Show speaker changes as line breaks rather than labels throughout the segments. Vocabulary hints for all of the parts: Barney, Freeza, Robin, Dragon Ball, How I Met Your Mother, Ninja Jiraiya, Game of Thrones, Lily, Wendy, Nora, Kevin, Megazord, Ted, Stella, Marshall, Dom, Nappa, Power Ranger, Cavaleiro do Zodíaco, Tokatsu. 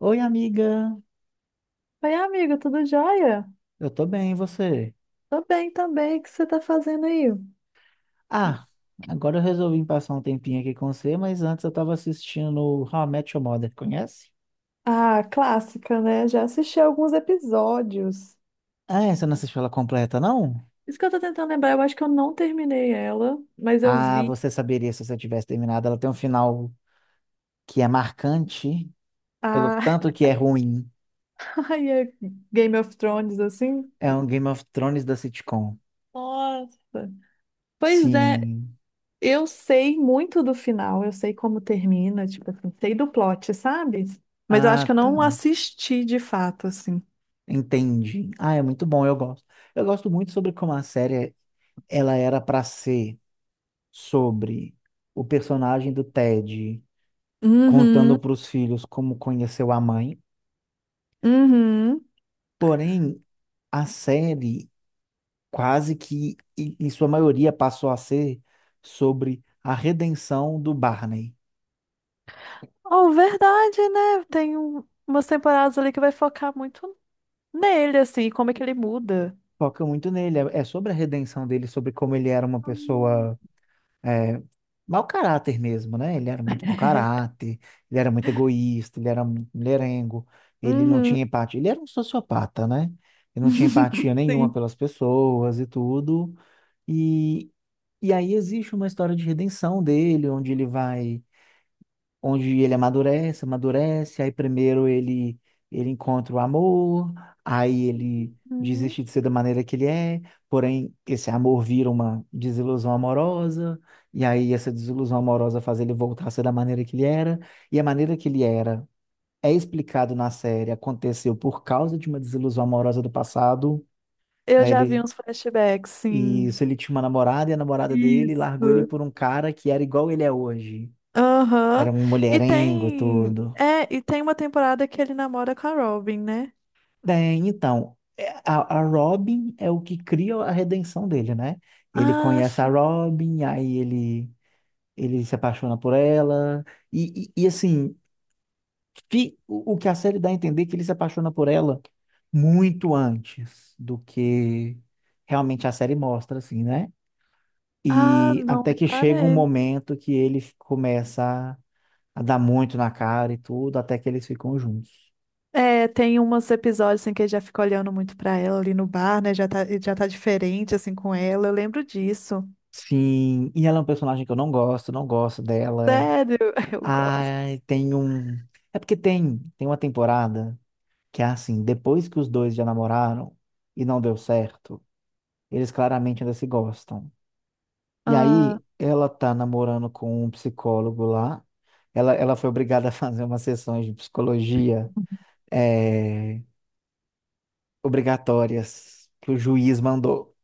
Oi, amiga.
Oi, amiga, tudo jóia?
Eu tô bem, e você?
Tô bem também, o que você tá fazendo aí?
Ah, agora eu resolvi passar um tempinho aqui com você, mas antes eu tava assistindo How I Met Your Mother, conhece?
Ah, clássica, né? Já assisti alguns episódios.
Ah, você não assistiu ela completa, não?
Isso que eu tô tentando lembrar, eu acho que eu não terminei ela, mas eu
Ah,
vi
você saberia se você tivesse terminado. Ela tem um final que é marcante, pelo
a
tanto que é ruim.
ai, é Game of Thrones, assim.
É um Game of Thrones da sitcom.
Nossa! Pois é,
Sim.
eu sei muito do final, eu sei como termina, tipo assim, sei do plot, sabe? Mas eu acho que
Ah,
eu
tá.
não assisti de fato, assim.
Entendi. Ah, é muito bom, eu gosto. Eu gosto muito sobre como a série ela era pra ser, sobre o personagem do Ted
Uhum,
contando para os filhos como conheceu a mãe.
uhum.
Porém, a série quase que, em sua maioria, passou a ser sobre a redenção do Barney.
Oh, verdade, né? Tem umas temporadas ali que vai focar muito nele, assim, como é que ele muda.
Foca muito nele, é sobre a redenção dele, sobre como ele era uma
Hum.
pessoa é, mau caráter mesmo, né? Ele era muito mau caráter, ele era muito egoísta, ele era muito mulherengo, ele não
Uhum.
tinha empatia, ele era um sociopata, né? Ele não tinha empatia nenhuma
Sim.
pelas pessoas e tudo. E, e aí existe uma história de redenção dele, onde ele vai onde ele amadurece, amadurece. Aí primeiro ele encontra o amor, aí ele
Uhum.
desiste de ser da maneira que ele é, porém esse amor vira uma desilusão amorosa, e aí essa desilusão amorosa faz ele voltar a ser da maneira que ele era, e a maneira que ele era é explicado na série, aconteceu por causa de uma desilusão amorosa do passado,
Eu
né?
já vi
Ele
uns flashbacks,
E
sim.
isso, ele tinha uma namorada e a namorada dele largou ele
Isso.
por um cara que era igual ele é hoje.
Aham.
Era um
E
mulherengo e
tem.
tudo.
É, e tem uma temporada que ele namora com a Robin, né?
É, então, é, a Robin é o que cria a redenção dele, né? Ele
Ah,
conhece a
sim.
Robin, ele se apaixona por ela, e, assim, o que a série dá a entender é que ele se apaixona por ela muito antes do que realmente a série mostra, assim, né?
Ah,
E
não,
até que chega um
reparei.
momento que ele começa a dar muito na cara e tudo, até que eles ficam juntos.
É, tem uns episódios assim que ele já fica olhando muito pra ela ali no bar, né? Já tá, ele já tá diferente assim com ela. Eu lembro disso.
Sim, e ela é um personagem que eu não gosto, não gosto dela.
Sério, eu gosto.
Ai, tem um. É porque tem uma temporada que é assim, depois que os dois já namoraram e não deu certo, eles claramente ainda se gostam. E
Ah,
aí, ela tá namorando com um psicólogo lá. Ela foi obrigada a fazer umas sessões de psicologia eh, obrigatórias que o juiz mandou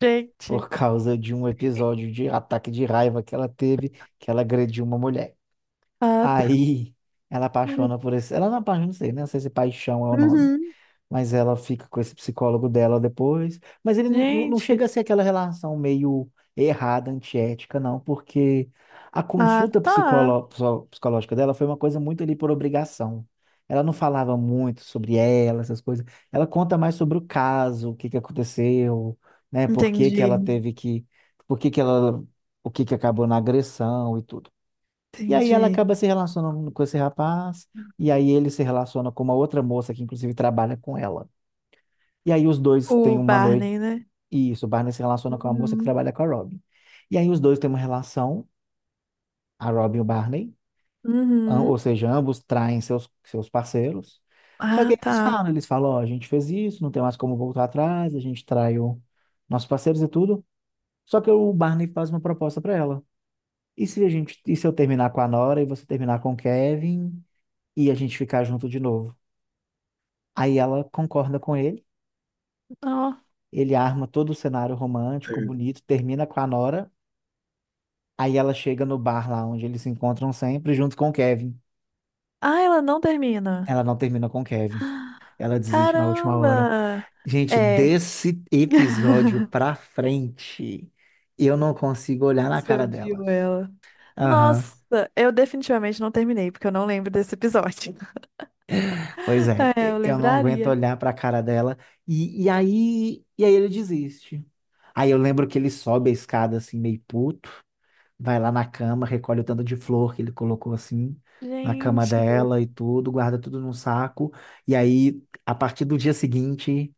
gente.
por causa de um episódio de ataque de raiva que ela teve, que ela agrediu uma mulher.
Ah, tá.
Aí ela apaixona por esse. Ela não apaixona, não sei, né? Não sei se paixão é o nome.
Uhum.
Mas ela fica com esse psicólogo dela depois. Mas ele não, não
Gente.
chega a ser aquela relação meio errada, antiética, não, porque a
Ah,
consulta
tá.
psicológica dela foi uma coisa muito ali por obrigação. Ela não falava muito sobre ela, essas coisas. Ela conta mais sobre o caso, o que que aconteceu, né? Por que que ela
Entendi.
teve que. Por que que ela. O que que acabou na agressão e tudo. E aí ela
Entendi.
acaba se relacionando com esse rapaz, e aí ele se relaciona com uma outra moça que inclusive trabalha com ela. E aí os dois têm
O
uma noite,
Barney, né?
e isso, o Barney se relaciona com uma moça que
Uhum.
trabalha com a Robin. E aí os dois têm uma relação, a Robin e o Barney,
Uhum.
ou seja, ambos traem seus parceiros. Só que
Ah, tá.
eles falam, ó, a gente fez isso, não tem mais como voltar atrás, a gente traiu nossos parceiros e tudo. Só que o Barney faz uma proposta para ela. E se a gente, e se eu terminar com a Nora e você terminar com o Kevin? E a gente ficar junto de novo. Aí ela concorda com ele,
Ó.
ele arma todo o cenário romântico, bonito, termina com a Nora, aí ela chega no bar lá onde eles se encontram sempre, junto com o Kevin.
Ah, ela não termina.
Ela não termina com o Kevin, ela desiste na última hora.
Caramba!
Gente,
É.
desse episódio pra frente, eu não consigo olhar na
Você
cara dela.
odiou ela.
Aham.
Nossa, eu definitivamente não terminei, porque eu não lembro desse episódio.
Pois é,
É, eu
eu não aguento
lembraria.
olhar pra cara dela. E aí ele desiste. Aí eu lembro que ele sobe a escada assim, meio puto. Vai lá na cama, recolhe o tanto de flor que ele colocou assim, na cama
Gente,
dela e tudo, guarda tudo num saco. E aí, a partir do dia seguinte,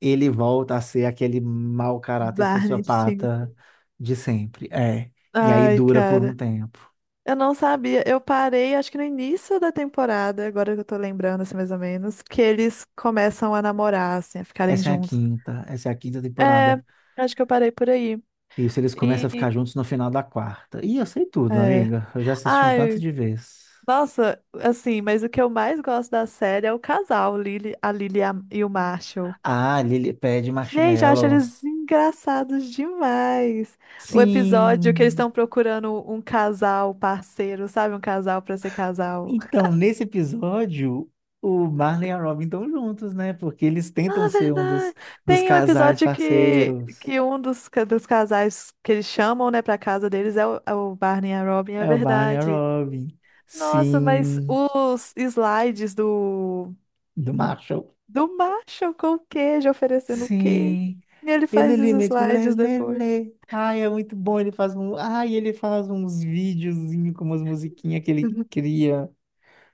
ele volta a ser aquele mau caráter
Barney,
sociopata de sempre. É. E aí
ai,
dura por um
cara.
tempo.
Eu não sabia. Eu parei, acho que no início da temporada, agora que eu tô lembrando, assim, mais ou menos, que eles começam a namorar, assim, a ficarem juntos.
Essa é a quinta
É,
temporada.
acho que eu parei por aí.
Isso, eles começam a
E.
ficar juntos no final da quarta. E eu sei tudo,
É.
amiga. Eu já assisti um tanto
Ai,
de vezes.
nossa, assim, mas o que eu mais gosto da série é o casal, o Lily, a Lily e o Marshall.
Ah, Lily pede
Gente, eu acho
marshmallow.
eles engraçados demais. O episódio que eles
Sim.
estão procurando um casal parceiro, sabe? Um casal pra ser casal.
Então, nesse episódio, o Marley e a Robin estão juntos, né? Porque eles tentam
Ah,
ser um
verdade.
dos
Tem um
casais
episódio
parceiros.
que um dos casais que eles chamam, né, pra casa deles é o, é o Barney e a Robin, é
É o Marley e a
verdade.
Robin.
Nossa, mas
Sim.
os slides do,
Do Marshall.
do Marshall com queijo, oferecendo queijo.
Sim.
E ele
Ele
faz os
ali mesmo. Lê,
slides
lê,
depois.
lê. Ai, é muito bom. Ele faz um. Ai, ele faz uns videozinhos com umas musiquinhas que ele cria.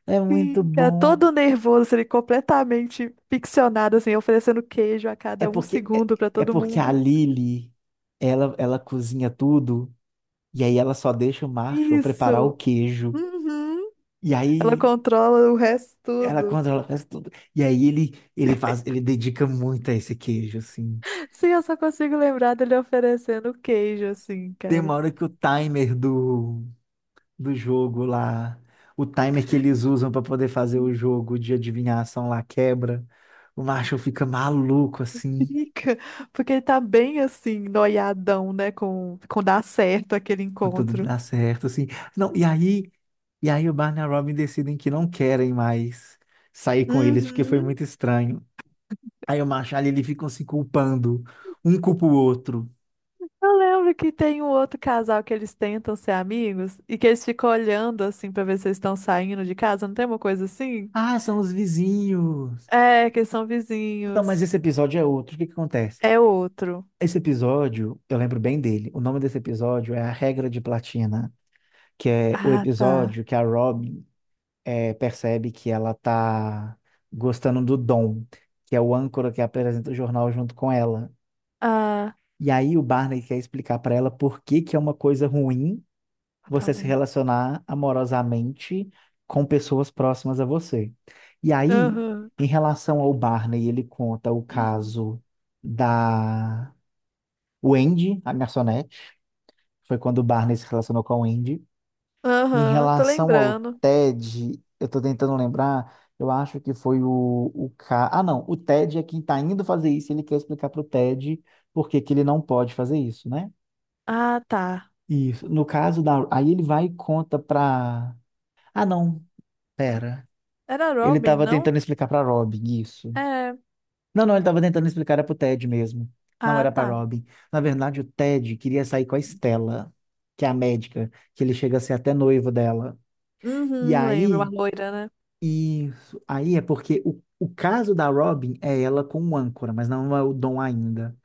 É muito
Fica
bom.
todo nervoso, ele completamente ficcionado, assim, oferecendo queijo a
É
cada um
porque, é,
segundo pra
é
todo
porque a
mundo.
Lily, ela cozinha tudo. E aí ela só deixa o Marshall preparar o
Isso!
queijo.
Uhum.
E
Ela
aí
controla o resto
ela
tudo.
controla, faz tudo. E aí ele faz, ele dedica muito a esse queijo, assim.
Sim, eu só consigo lembrar dele oferecendo queijo, assim,
Tem
cara.
uma hora que o timer do jogo lá, o timer que eles usam para poder fazer o
Hum.
jogo de adivinhação lá quebra. O Marshall fica maluco assim,
Fica, porque ele tá bem assim, noiadão, né? Com dar certo aquele
quando tudo
encontro.
dá certo assim. Não, e aí o Barney e a Robin decidem que não querem mais sair com eles porque foi
Uhum.
muito estranho. Aí o macho ali, ele ficam se culpando. Um culpa o outro.
Eu lembro que tem um outro casal que eles tentam ser amigos e que eles ficam olhando assim pra ver se eles estão saindo de casa, não tem uma coisa assim?
Ah, são os vizinhos.
É, que eles são
Não, mas
vizinhos.
esse episódio é outro. O que que acontece?
É outro.
Esse episódio, eu lembro bem dele. O nome desse episódio é A Regra de Platina, que é o
Ah, tá.
episódio que a Robin percebe que ela tá gostando do Dom, que é o âncora que apresenta o jornal junto com ela.
Ah,
E aí o Barney quer explicar pra ela por que que é uma coisa ruim você se
também.
relacionar amorosamente com pessoas próximas a você. E aí,
Aham.
em relação ao Barney, ele conta o caso da Wendy, a garçonete, foi quando o Barney se relacionou com a Wendy. Em
Aham, tô
relação ao
lembrando.
Ted, eu tô tentando lembrar, eu acho que foi o ca... Ah, não, o Ted é quem tá indo fazer isso, ele quer explicar pro Ted por que que ele não pode fazer isso, né?
Ah, tá.
Isso. No caso da. Aí ele vai e conta pra. Ah, não. Pera.
Era
Ele
Robin,
tava
não?
tentando explicar pra Robin isso.
É.
Não, ele tava tentando explicar era pro Ted mesmo. Não
Ah,
era pra
tá.
Robin. Na verdade, o Ted queria sair com a Stella, que é a médica, que ele chega a ser até noivo dela. E
Uhum, lembro, a
aí,
loira, né?
isso. Aí é porque o caso da Robin é ela com o âncora, mas não é o Dom ainda.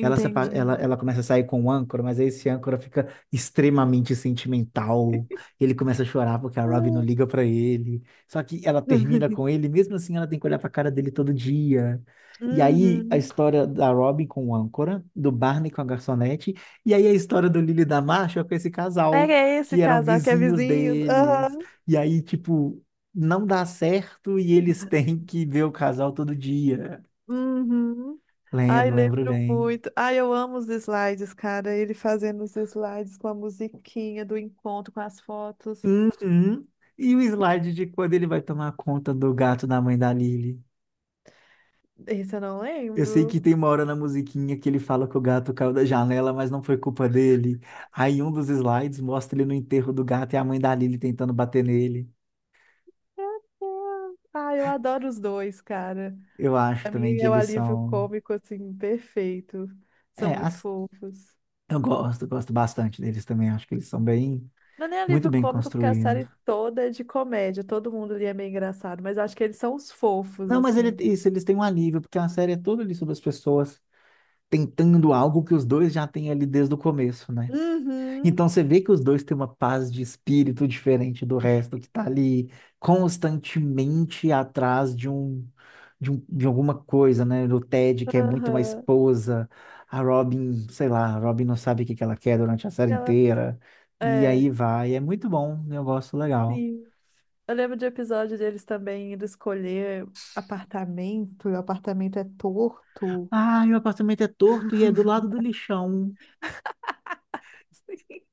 Ela começa a sair com o âncora, mas aí esse âncora fica extremamente sentimental. Ele começa a chorar porque a Robin não
Ah.
liga pra ele. Só que ela termina com ele, mesmo assim ela tem que olhar pra cara dele todo dia. E aí a
Uhum.
história da Robin com o âncora, do Barney com a garçonete, e aí a história do Lily e da Marshall com esse casal,
Era esse
que eram
casal que é
vizinhos
vizinho.
deles.
Aham.
E aí, tipo, não dá certo e eles têm que ver o casal todo dia.
Uhum. Ai,
Lembro, lembro
lembro
bem.
muito. Ai, eu amo os slides, cara. Ele fazendo os slides com a musiquinha do encontro, com as fotos.
Uhum. E o slide de quando ele vai tomar conta do gato da mãe da Lily.
Esse eu não
Eu sei que
lembro.
tem uma hora na musiquinha que ele fala que o gato caiu da janela, mas não foi culpa dele. Aí um dos slides mostra ele no enterro do gato e a mãe da Lily tentando bater nele.
Meu Deus. Ai, eu adoro os dois, cara.
Eu acho
Pra mim
também que
é o
eles
alívio
são.
cômico, assim, perfeito.
É,
São muito fofos.
eu gosto, gosto bastante deles também. Acho que eles são bem,
Não é nem
muito
alívio
bem
cômico, porque a
construídos.
série toda é de comédia. Todo mundo ali é meio engraçado, mas eu acho que eles são os fofos,
Não, mas ele,
assim, né?
isso, eles têm um alívio, porque a série é toda ali sobre as pessoas tentando algo que os dois já têm ali desde o começo, né?
Uhum,
Então você vê que os dois têm uma paz de espírito diferente do resto, que tá ali constantemente atrás de de alguma coisa, né? Do Ted, que é muito uma
aham.
esposa, a Robin, sei lá, a Robin não sabe o que que ela quer durante a série
Ela,
inteira, e
é,
aí vai, é muito bom, eu gosto, legal.
sim. Eu lembro de episódio deles também indo escolher apartamento, e o apartamento é torto.
Ah, meu apartamento é torto e é do lado do lixão.
Sim.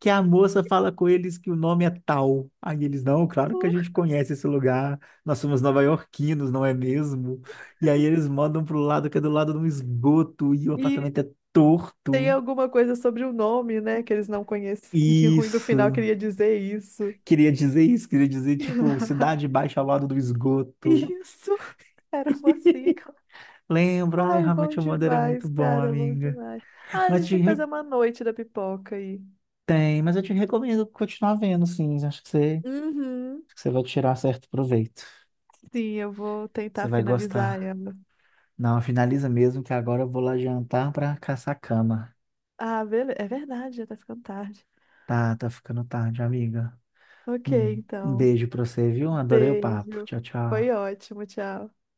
Que a moça fala com eles que o nome é tal. Aí eles, não, claro que a gente conhece esse lugar, nós somos nova-iorquinos, não é mesmo? E aí eles mandam pro lado que é do lado de um esgoto e o
E
apartamento é
tem
torto.
alguma coisa sobre o nome, né, que eles não conheciam, e no final
Isso.
queria dizer isso.
Queria dizer isso, queria dizer, tipo, Cidade Baixa ao lado do esgoto.
Isso era uma sigla.
Lembra? Ai,
Ai,
How I
bom
Met Your Mother é muito
demais,
bom,
cara, bom
amiga.
demais. Ah, a
Mas
gente
te
tem que
re-
fazer uma noite da pipoca aí.
tem, mas eu te recomendo continuar vendo, sim.
Uhum.
Acho que você vai tirar certo proveito.
Sim, eu vou
Você
tentar
vai
finalizar
gostar.
ela.
Não, finaliza mesmo que agora eu vou lá jantar pra caçar cama.
Ah, beleza. É verdade, já tá ficando tarde.
Tá, tá ficando tarde, amiga.
Ok,
Um
então.
beijo pra você, viu? Adorei o papo.
Beijo.
Tchau,
Foi
tchau.
ótimo, tchau.